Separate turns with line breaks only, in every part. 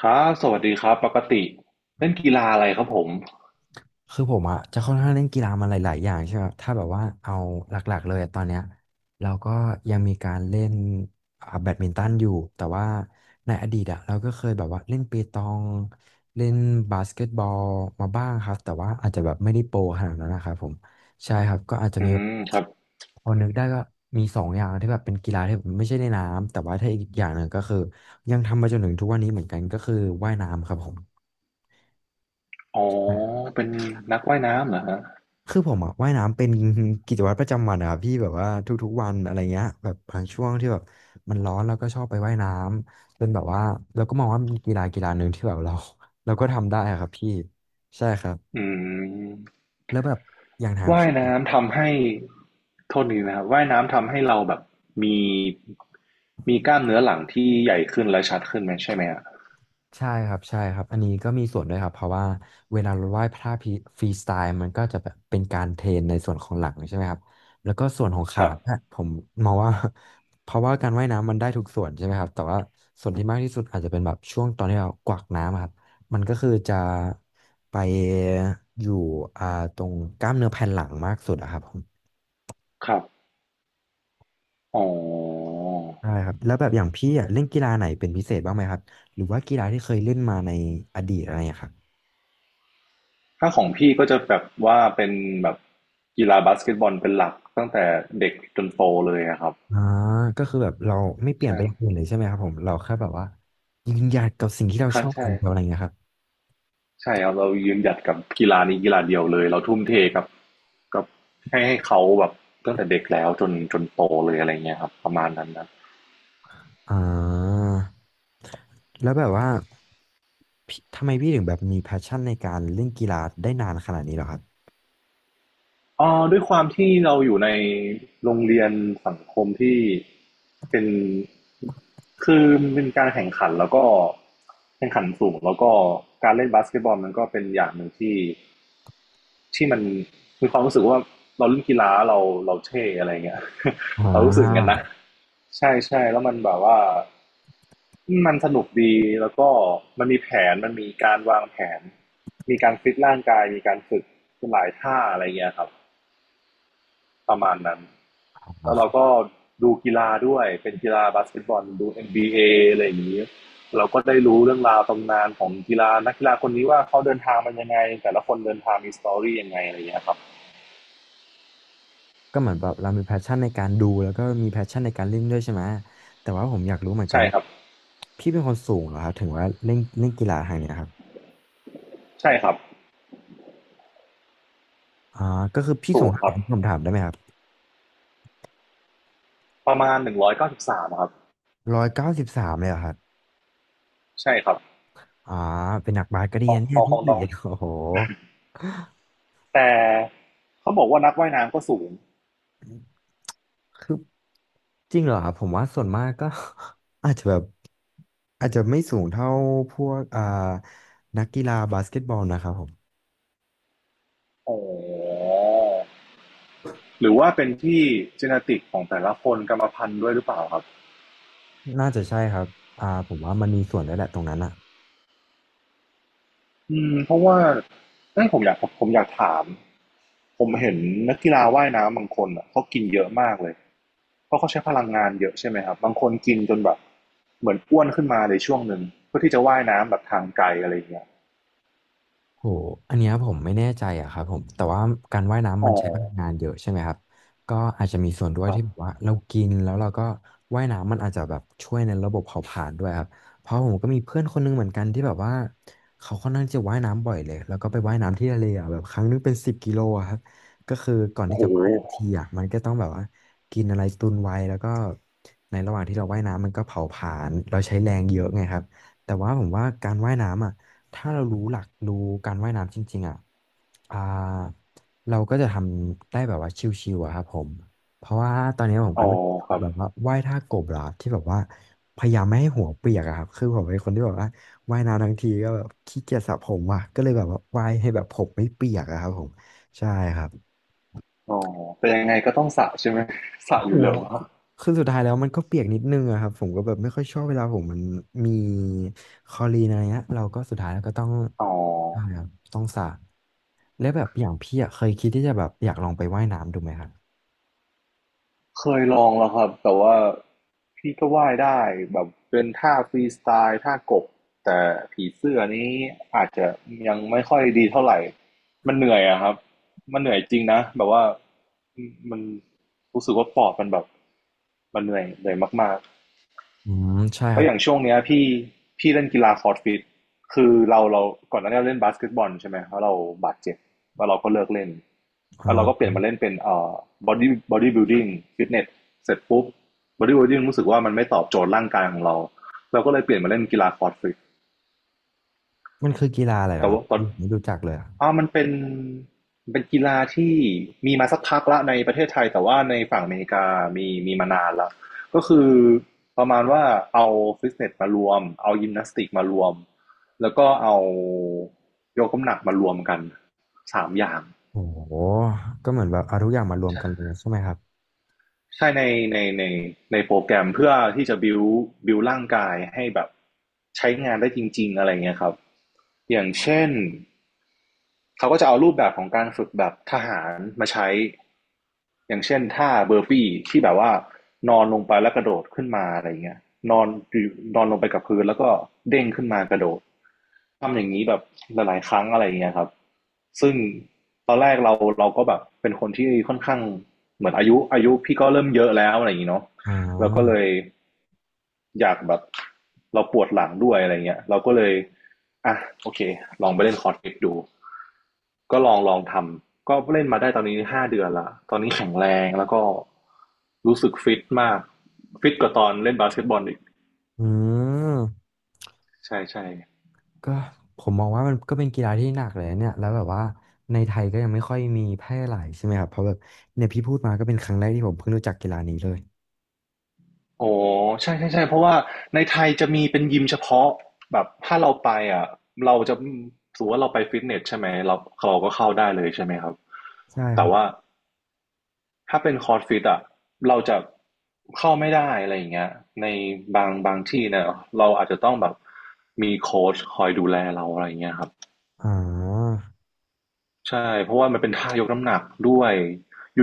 ครับสวัสดีครับปกติเล่นกีฬาอะไรครับผม
คือผมอะจะค่อนข้างเล่นกีฬามาหลายๆอย่างใช่ไหมครับถ้าแบบว่าเอาหลักๆ เลยอะตอนเนี้ยเราก็ยังมีการเล่นแบดมินตันอยู่แต่ว่าในอดีตอะเราก็เคยแบบว่าเล่นเปตองเล่นบาสเกตบอลมาบ้างครับแต่ว่าอาจจะแบบไม่ได้โปรขนาดนั้นนะครับผมใช่ครับก็อาจจะ
อื
มีแบบ
มครับ
พอนึกได้ก็มีสองอย่างที่แบบเป็นกีฬาที่แบบไม่ใช่ในน้ำแต่ว่าถ้าอีกอย่างหนึ่งก็คือยังทำมาจนถึงทุกวันนี้เหมือนกันก็คือว่ายน้ำครับผม
อ๋อเป็นนักว่ายน้ำเหรอฮะ
คือผมอะว่ายน้ำเป็น กิจวัตรประจำวันอะครับพี่แบบว่าทุกๆวันอะไรเงี้ยแบบบางช่วงที่แบบมันร้อนเราก็ชอบไปว่ายน้ำจนแบบว่าเราก็มองว่ามันกีฬากีฬาหนึ่งที่แบบเรา เราก็ทำได้อะครับพี่ใช่ครับ
อืม
แล้วแบบอย่างทาง
ว่า
พี่
ยน้ำทำให้โทษทีนะครับว่ายน้ำทำให้เราแบบมีมีกล้ามเนื้อหลังที่ใหญ่ขึ้นและชัดขึ้นไหมใช่ไหมอะ
ใช่ครับใช่ครับอันนี้ก็มีส่วนด้วยครับเพราะว่าเวลาเราไหว้พระพีฟรีสไตล์มันก็จะแบบเป็นการเทรนในส่วนของหลังใช่ไหมครับแล้วก็ส่วนของ
ค
ขา
รับ
เนี่ยผมมองว่า เพราะว่าการว่ายน้ำมันได้ทุกส่วนใช่ไหมครับแต่ว่าส่วนที่มากที่สุดอาจจะเป็นแบบช่วงตอนที่เรากวักน้ำอะครับมันก็คือจะไปอยู่อ่าตรงกล้ามเนื้อแผ่นหลังมากสุดอะครับผม
ครับอ๋อ
ใช่ครับแล้วแบบอย่างพี่อะเล่นกีฬาไหนเป็นพิเศษบ้างไหมครับหรือว่ากีฬาที่เคยเล่นมาในอดีตอะไรอย่างเงี้ยครับ
ถ้าของพี่ก็จะแบบว่าเป็นแบบกีฬาบาสเกตบอลเป็นหลักตั้งแต่เด็กจนโตเลยอะครับ
อ่าก็คือแบบเราไม่เปลี่ยน
ใช่
ไปอย่างอื่นเลยใช่ไหมครับผมเราแค่แบบว่ายืนหยัดกับสิ่งที่เรา
ครั
ช
บ
อบอ
ใช่
ย่างเดียวอะไรเงี้ยครับ
ใช่ครับเรายืนหยัดกับกีฬานี้กีฬาเดียวเลยเราทุ่มเทกับให้เขาแบบตั้งแต่เด็กแล้วจนโตเลยอะไรเงี้ยครับประมาณนั้นนะ
อ่าแล้วแบบว่าพี่ทำไมพี่ถึงแบบมีแพชชั่นในการเล่นกีฬาได้นานขนาดนี้เหรอครับ
เอ๋อด้วยความที่เราอยู่ในโรงเรียนสังคมที่เป็นคือมันเป็นการแข่งขันแล้วก็แข่งขันสูงแล้วก็การเล่นบาสเกตบอลมันก็เป็นอย่างหนึ่งที่ที่มันมีความรู้สึกว่าเราเล่นกีฬาเราเท่อะไรเงี้ย
อ่
เรารู้สึกอย่างนัน
า
นะใช่ใช่แล้วมันแบบว่า มันสนุกดีแล้วก็มันมีแผนมันมีการวางแผนมีการฟิตร่างกายมีการฝึกหลายท่าอะไรเงี้ยครับประมาณนั้นแล้วเราก็ดูกีฬาด้วยเป็นกีฬาบาสเกตบอลดูNBAอะไรอย่างนี้เราก็ได้รู้เรื่องราวตำนานของกีฬานักกีฬาคนนี้ว่าเขาเดินทางมันยังไงแต่ละคนเดินทางมีสตอรี่ยังไงอะไรเงี้ยครับ
ก็เหมือนแบบเรามีแพชชั่นในการดูแล้วก็มีแพชชั่นในการเล่นด้วยใช่ไหมแต่ว่าผมอยากรู้เหมือนกัน
ใช่
ว่า
ครับ
พี่เป็นคนสูงเหรอครับถึงว่าเล่นเล่นกีฬาทางเนี้ยครับ
ใช่ครับ
อ่าก็คือพี่
สู
สูง
ง
เท่า
ค
ไห
รั
ร่
บ
นผมถามได้ไหมครับ
ประมาณ193ครับ
193เลยเหรอครับ
ใช่ครับ
อ๋อเป็นนักบาสก็ดี
ข
นะ
ข
เนี่ย
องข
พี่
องน้อง
โอ้โห
แต่เขาบอกว่านักว่ายน้ำก็สูง
คือจริงเหรอครับผมว่าส่วนมากก็ อาจจะแบบอาจจะไม่สูงเท่าพวกนักกีฬาบาสเกตบอลนะครับผม
อ๋อหรือว่าเป็นที่ genetic ของแต่ละคนกรรมพันธุ์ด้วยหรือเปล่าครับ
น่าจะใช่ครับอ่าผมว่ามันมีส่วนด้วยแหละตรงนั้นอ่ะ
อืมเพราะว่าเอ้ยผมอยากถาม ผมเห็นนักกีฬาว่ายน้ำบางคนอ่ะเขากินเยอะมากเลยเพราะเขาใช้พลังงานเยอะใช่ไหมครับบางคนกินจนแบบเหมือนอ้วนขึ้นมาในช่วงหนึ่งเพื่อที่จะว่ายน้ำแบบทางไกลอะไรอย่างเงี้ย
โหอันเนี้ยผมไม่แน่ใจอะครับผมแต่ว่าการว่ายน้ำ
อ๋
มั
อ
นใช้พลังงานเยอะใช่ไหมครับ ก็อาจจะมีส่วนด้วย
ครั
ที่แบบ
บ
ว่าเรากินแล้วเราก็ว่ายน้ำมันอาจจะแบบช่วยในระบบเผาผลาญด้วยครับเพราะผมก็มีเพื่อนคนนึงเหมือนกันที่แบบว่าเขาค่อนข้างจะว่ายน้ำบ่อยเลยแล้วก็ไปว่ายน้ำที่ทะเลอะแบบครั้งนึงเป็น10 กิโลอะครับก็คือก่อน
โอ้
ที่
โห
จะว่ายทีอะมันก็ต้องแบบว่ากินอะไรตุนไว้แล้วก็ในระหว่างที่เราว่ายน้ำมันก็เผาผลาญเราใช้แรงเยอะไงครับ แต่ว่าผมว่าการว่ายน้ำอ่ะ ถ้าเรารู้หลักรู้การว่ายน้ำจริงๆอ่ะอ่าเราก็จะทำได้แบบว่าชิวๆอะครับผม เพราะว่าตอนนี้ผมก็
อ๋อ
เริ่ม
ค
ฝึก
รับ
แบบว่าว่ายท่ากบแล้วครับที่แบบว่าพยายามไม่ให้หัวเปียกอะครับ คือผมเป็นคนที่แบบว่าว่ายน้ำทั้งทีก็แบบขี้เกียจสระผมว่ะก็เลยแบบว่าว่ายให้แบบผมไม่เปียกอะครับผมใช่ครับ
อ๋อแต่ยังไงก็ต้องสระใช่ไหม สระ
โอ้
อ
โห
ยู่แล้วปะ
คือสุดท้ายแล้วมันก็เปียกนิดนึงอะครับผมก็แบบไม่ค่อยชอบเวลาผมมันมีคลอรีนอะไรเงี้ยเราก็สุดท้ายแล้วก็ต้อง
อ๋อ
ใช่ครับต้องสระ แล้วแบบอย่างพี่อะเคยคิดที่จะแบบอยากลองไปว่ายน้ำดูไหมครับ
เคยลองแล้วครับแต่ว่าพี่ก็ว่ายได้แบบเป็นท่าฟรีสไตล์ท่ากบแต่ผีเสื้อนี้อาจจะยังไม่ค่อยดีเท่าไหร่มันเหนื่อยอะครับมันเหนื่อยจริงนะแบบว่ามันรู้สึกว่าปอดมันแบบมันเหนื่อยมาก
อืมใช่ค
แล้
รั
ว
บ
อย่างช่วงเนี้ยพี่เล่นกีฬาคอร์ดฟิตคือเราก่อนหน้านี้เราเล่นบาสเกตบอลใช่ไหมเพราะเราบาดเจ็บแล้วเราก็เลิกเล่น
อ่
แล้วเราก็เป
า
ลี่ยนมาเล่นเป็นบอดี้บิลดิ้งฟิตเนสเสร็จปุ๊บบอดี้บิลดิ้งรู้สึกว่ามันไม่ตอบโจทย์ร่างกายของเราเราก็เลยเปลี่ยนมาเล่นกีฬาคอร์ดฟิต
มันคือกีฬาอะไรเหร
แต่
อครับ
ว่าตอน
พี่ผมไม่รู้จักเลยอะ
มันเป็นเป็นกีฬาที่มีมาสักพักแล้วในประเทศไทยแต่ว่าในฝั่งอเมริกามีมานานแล้วก็คือประมาณว่าเอาฟิตเนสมารวมเอายิมนาสติกมารวมแล้วก็เอายกน้ำหนักมารวมกันสามอย่าง
โอ้โหก็เหมือนแบบเอาทุกอย่างมารวม
ใช่
กันเลยใช่ไหมครับ
ใช่ในในในโปรแกรมเพื่อที่จะบิวร่างกายให้แบบใช้งานได้จริงๆอะไรเงี้ยครับอย่างเช่น เขาก็จะเอารูปแบบของการฝึกแบบทหารมาใช้อย่างเช่นท่าเบอร์ปี้ที่แบบว่านอนลงไปแล้วกระโดดขึ้นมาอะไรเงี้ยนอนนอนลงไปกับพื้นแล้วก็เด้งขึ้นมากระโดด ทำอย่างนี้แบบหลายๆครั้งอะไรเงี้ยครับซึ่งตอนแรกเราก็แบบเป็นคนที่ค่อนข้างเหมือนอายุพี่ก็เริ่มเยอะแล้วอะไรอย่างนี้เนาะ
อ๋อ
เราก็เลยอยากแบบเราปวดหลังด้วยอะไรเงี้ยเราก็เลยอ่ะโอเคลองไปเล่นคอร์สฟิตดู ก็ลองทำก็เล่นมาได้ตอนนี้5 เดือนละตอนนี้แข็งแรงแล้วก็รู้สึกฟิตมากฟิตกว่าตอนเล่นบาสเกตบอลอีก
อืม
ใช่ใช่
ก็ผมมองว่ามันก็เป็นกีฬาที่หนักเลยนะเนี่ยแล้วแบบว่าในไทยก็ยังไม่ค่อยมีแพร่หลายใช่ไหมครับเพราะแบบเนี่ยพี่พูดมาก็เป็นครั้งแรกที่ผมเพิ่งรู้จักกีฬานี้เลย
โอ้ใช่ใช่ใช่เพราะว่าในไทยจะมีเป็นยิมเฉพาะแบบถ้าเราไปอ่ะเราจะถือว่าเราไปฟิตเนสใช่ไหมเราเราก็เข้าได้เลยใช่ไหมครับ
ใช่ค
แต่
รั
ว่า
บ
ถ้าเป็นคอร์สฟิตอ่ะเราจะเข้าไม่ได้อะไรอย่างเงี้ยในบางที่เนี่ยเราอาจจะต้องแบบมีโค้ชคอยดูแลเราอะไรอย่างเงี้ยครับ
อ๋อ
ใช่เพราะว่ามันเป็นท่ายกน้ำหนักด้วย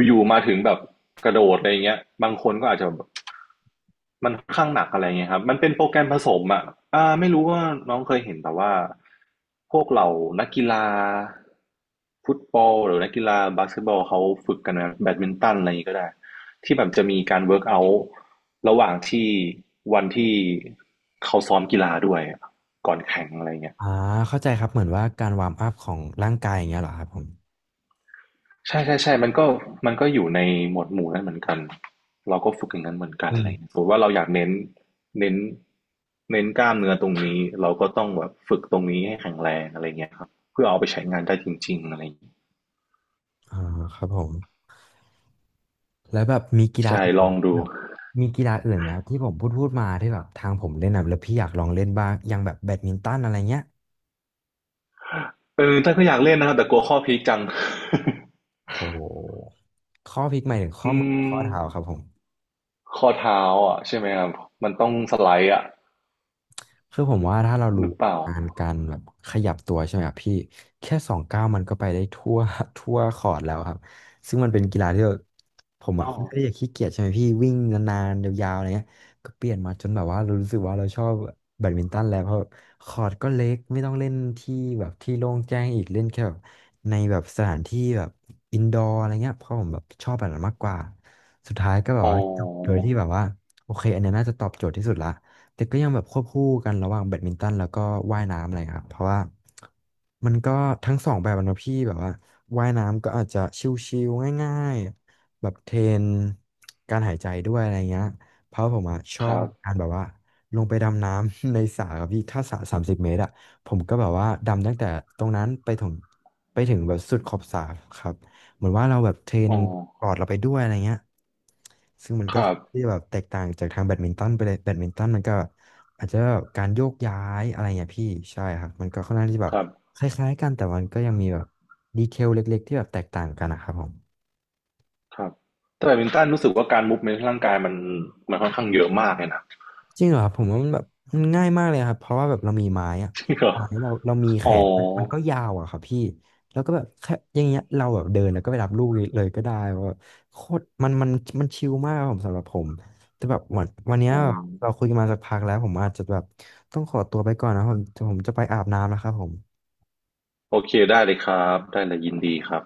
อยู่ๆมาถึงแบบกระโดดอะไรเงี้ยบางคนก็อาจจะแบบมันค่อนข้างหนักอะไรเงี้ยครับมันเป็นโปรแกรมผสมอ่ะไม่รู้ว่าน้องเคยเห็นแต่ว่าพวกเหล่านักกีฬาฟุตบอลหรือนักกีฬาบาสเกตบอลเขาฝึกกันนะแบดมินตันอะไรอย่างงี้ก็ได้ที่แบบจะมีการเวิร์กเอาท์ระหว่างที่วันที่เขาซ้อมกีฬาด้วยอะก่อนแข่งอะไรเงี้ย
อ่าเข้าใจครับเหมือนว่าการวาร์มอัพของร่างกายอย่างเงี้ยเหรอครับผม
ใช่ๆๆมันก็มันก็อยู่ในหมวดหมู่นั้นเหมือนกัน เราก็ฝึกอย่างนั้นเหมือนกัน
อื
อะ
ม
ไรอย่างเงี้ยสมมติว่าเราอยากเน้นเน้นกล้ามเนื้อตรงนี้เราก็ต้องแบบฝึกตรงนี้ให้แข็งแรงอะไร่เงี้ยครับเพื่อเอาไปใช้งานได้จริงๆอะไรอย่างเงี้ย
อ่าครับผม แล้วแบบมีกีฬา
ใช่
อื่น
ลอง
ที่
ดู
แบบมีกีฬาอื่นไหมครับที่ผมพูดมาที่แบบทางผมเล่นนะแล้วพี่อยากลองเล่นบ้างอย่างแบบแบดมินตันอะไรเงี้ย
เออแต่ก็อยากเล่นนะครับแต่กลัวข้อพลิจัง
โหข้อพลิกหมายถึง ข้อ
อื
มือข้
ม
อเท้าครับผม
ข้อเท้าอะใช่ไหมครับมันต้องสไลด์อะ
คือผมว่าถ้าเรา
ห
รู้
รือเปล่า
อาการการแบบขยับตัวใช่ไหมครับพี่แค่สองก้าวมันก็ไปได้ทั่ว ทั่วคอร์ตแล้วครับซึ่งมันเป็นกีฬาที่แบบผม
อ๋อ
อะค่อนข้างที่จะขี้เกียจใช่ไหมพี่วิ่งนานๆยาวๆอะไรเงี้ยก็เปลี่ยนมาจนแบบว่าเรารู้สึกว่าเราชอบแบดมินตันแล้วเพราะแบบคอร์ตก็เล็กไม่ต้องเล่นที่แบบที่โล่งแจ้งอีกเล่นแค่แบบในแบบสถานที่แบบอินดอร์อะไรเงี้ยเพราะผมแบบชอบแบบนั้นมากกว่าสุดท้ายก็แบ
อ๋
บว่าจบโดย
อ
ที่แบบว่าโอเคอันเนี้ยน่าจะตอบโจทย์ที่สุดละ แต่ก็ยังแบบควบคู่กันระหว่างแบดมินตันแล้วก็ว่ายน้ำอะไรครับเพราะว่ามันก็ทั้งสองแบบอะเนอะพี่แบบว่าว่ายน้ำก็อาจจะชิวๆง่ายๆแบบเทรนการหายใจด้วยอะไรเงี้ยเพราะผมอะชอ
ครั
บ
บ
การแบบว่าลงไปดำน้ำ ในสระครับพี่ถ้าสระ30 เมตรอะผมก็แบบว่าดำตั้งแต่ตรงนั้นไปถึงไปถึงแบบสุดขอบสระครับ เหมือนว่าเราแบบเทรน
อ๋อ
ปอดเราไปด้วยอะไรเงี้ยซึ่งมัน
ค
ก็
รับ
ที่แบบแตกต่างจากทางแบดมินตันไปเลยแบดมินตันมันก็อาจจะแบบการโยกย้ายอะไรเงี้ยพี่ใช่ครับมันก็ค่อนข้างที่แบบ
ครับ
คล้ายๆกันแต่มันก็ยังมีแบบดีเทลเล็กๆที่แบบแตกต่างกันนะครับผม
ครับแต่แบดมินตันรู้สึกว่าการมูฟเมนต์ร่างกายมันค่อนข้างเยอะมากเลยนะ
จริงเหรอครับผมว่ามันแบบมันง่ายมากเลยครับเพราะว่าแบบเรามีไม้อะ
จริงเหรอ
ไม้เรามีแข
อ๋อ
นมันก็ยาวอะครับพี่แล้วก็แบบแค่อย่างเงี้ยเราแบบเดินแล้วก็ไปรับลูกเลยก็ได้ว่าโคตรมันมันชิลมากครับผมสำหรับผมแต่แบบวันเนี้ย
อืม
เราคุยกันมาสักพักแล้วผมอาจจะแบบต้องขอตัวไปก่อนนะครับผมผมจะไปอาบน้ำแล้วครับผม
โอเคได้เลยครับ ได้เลยยินดีครับ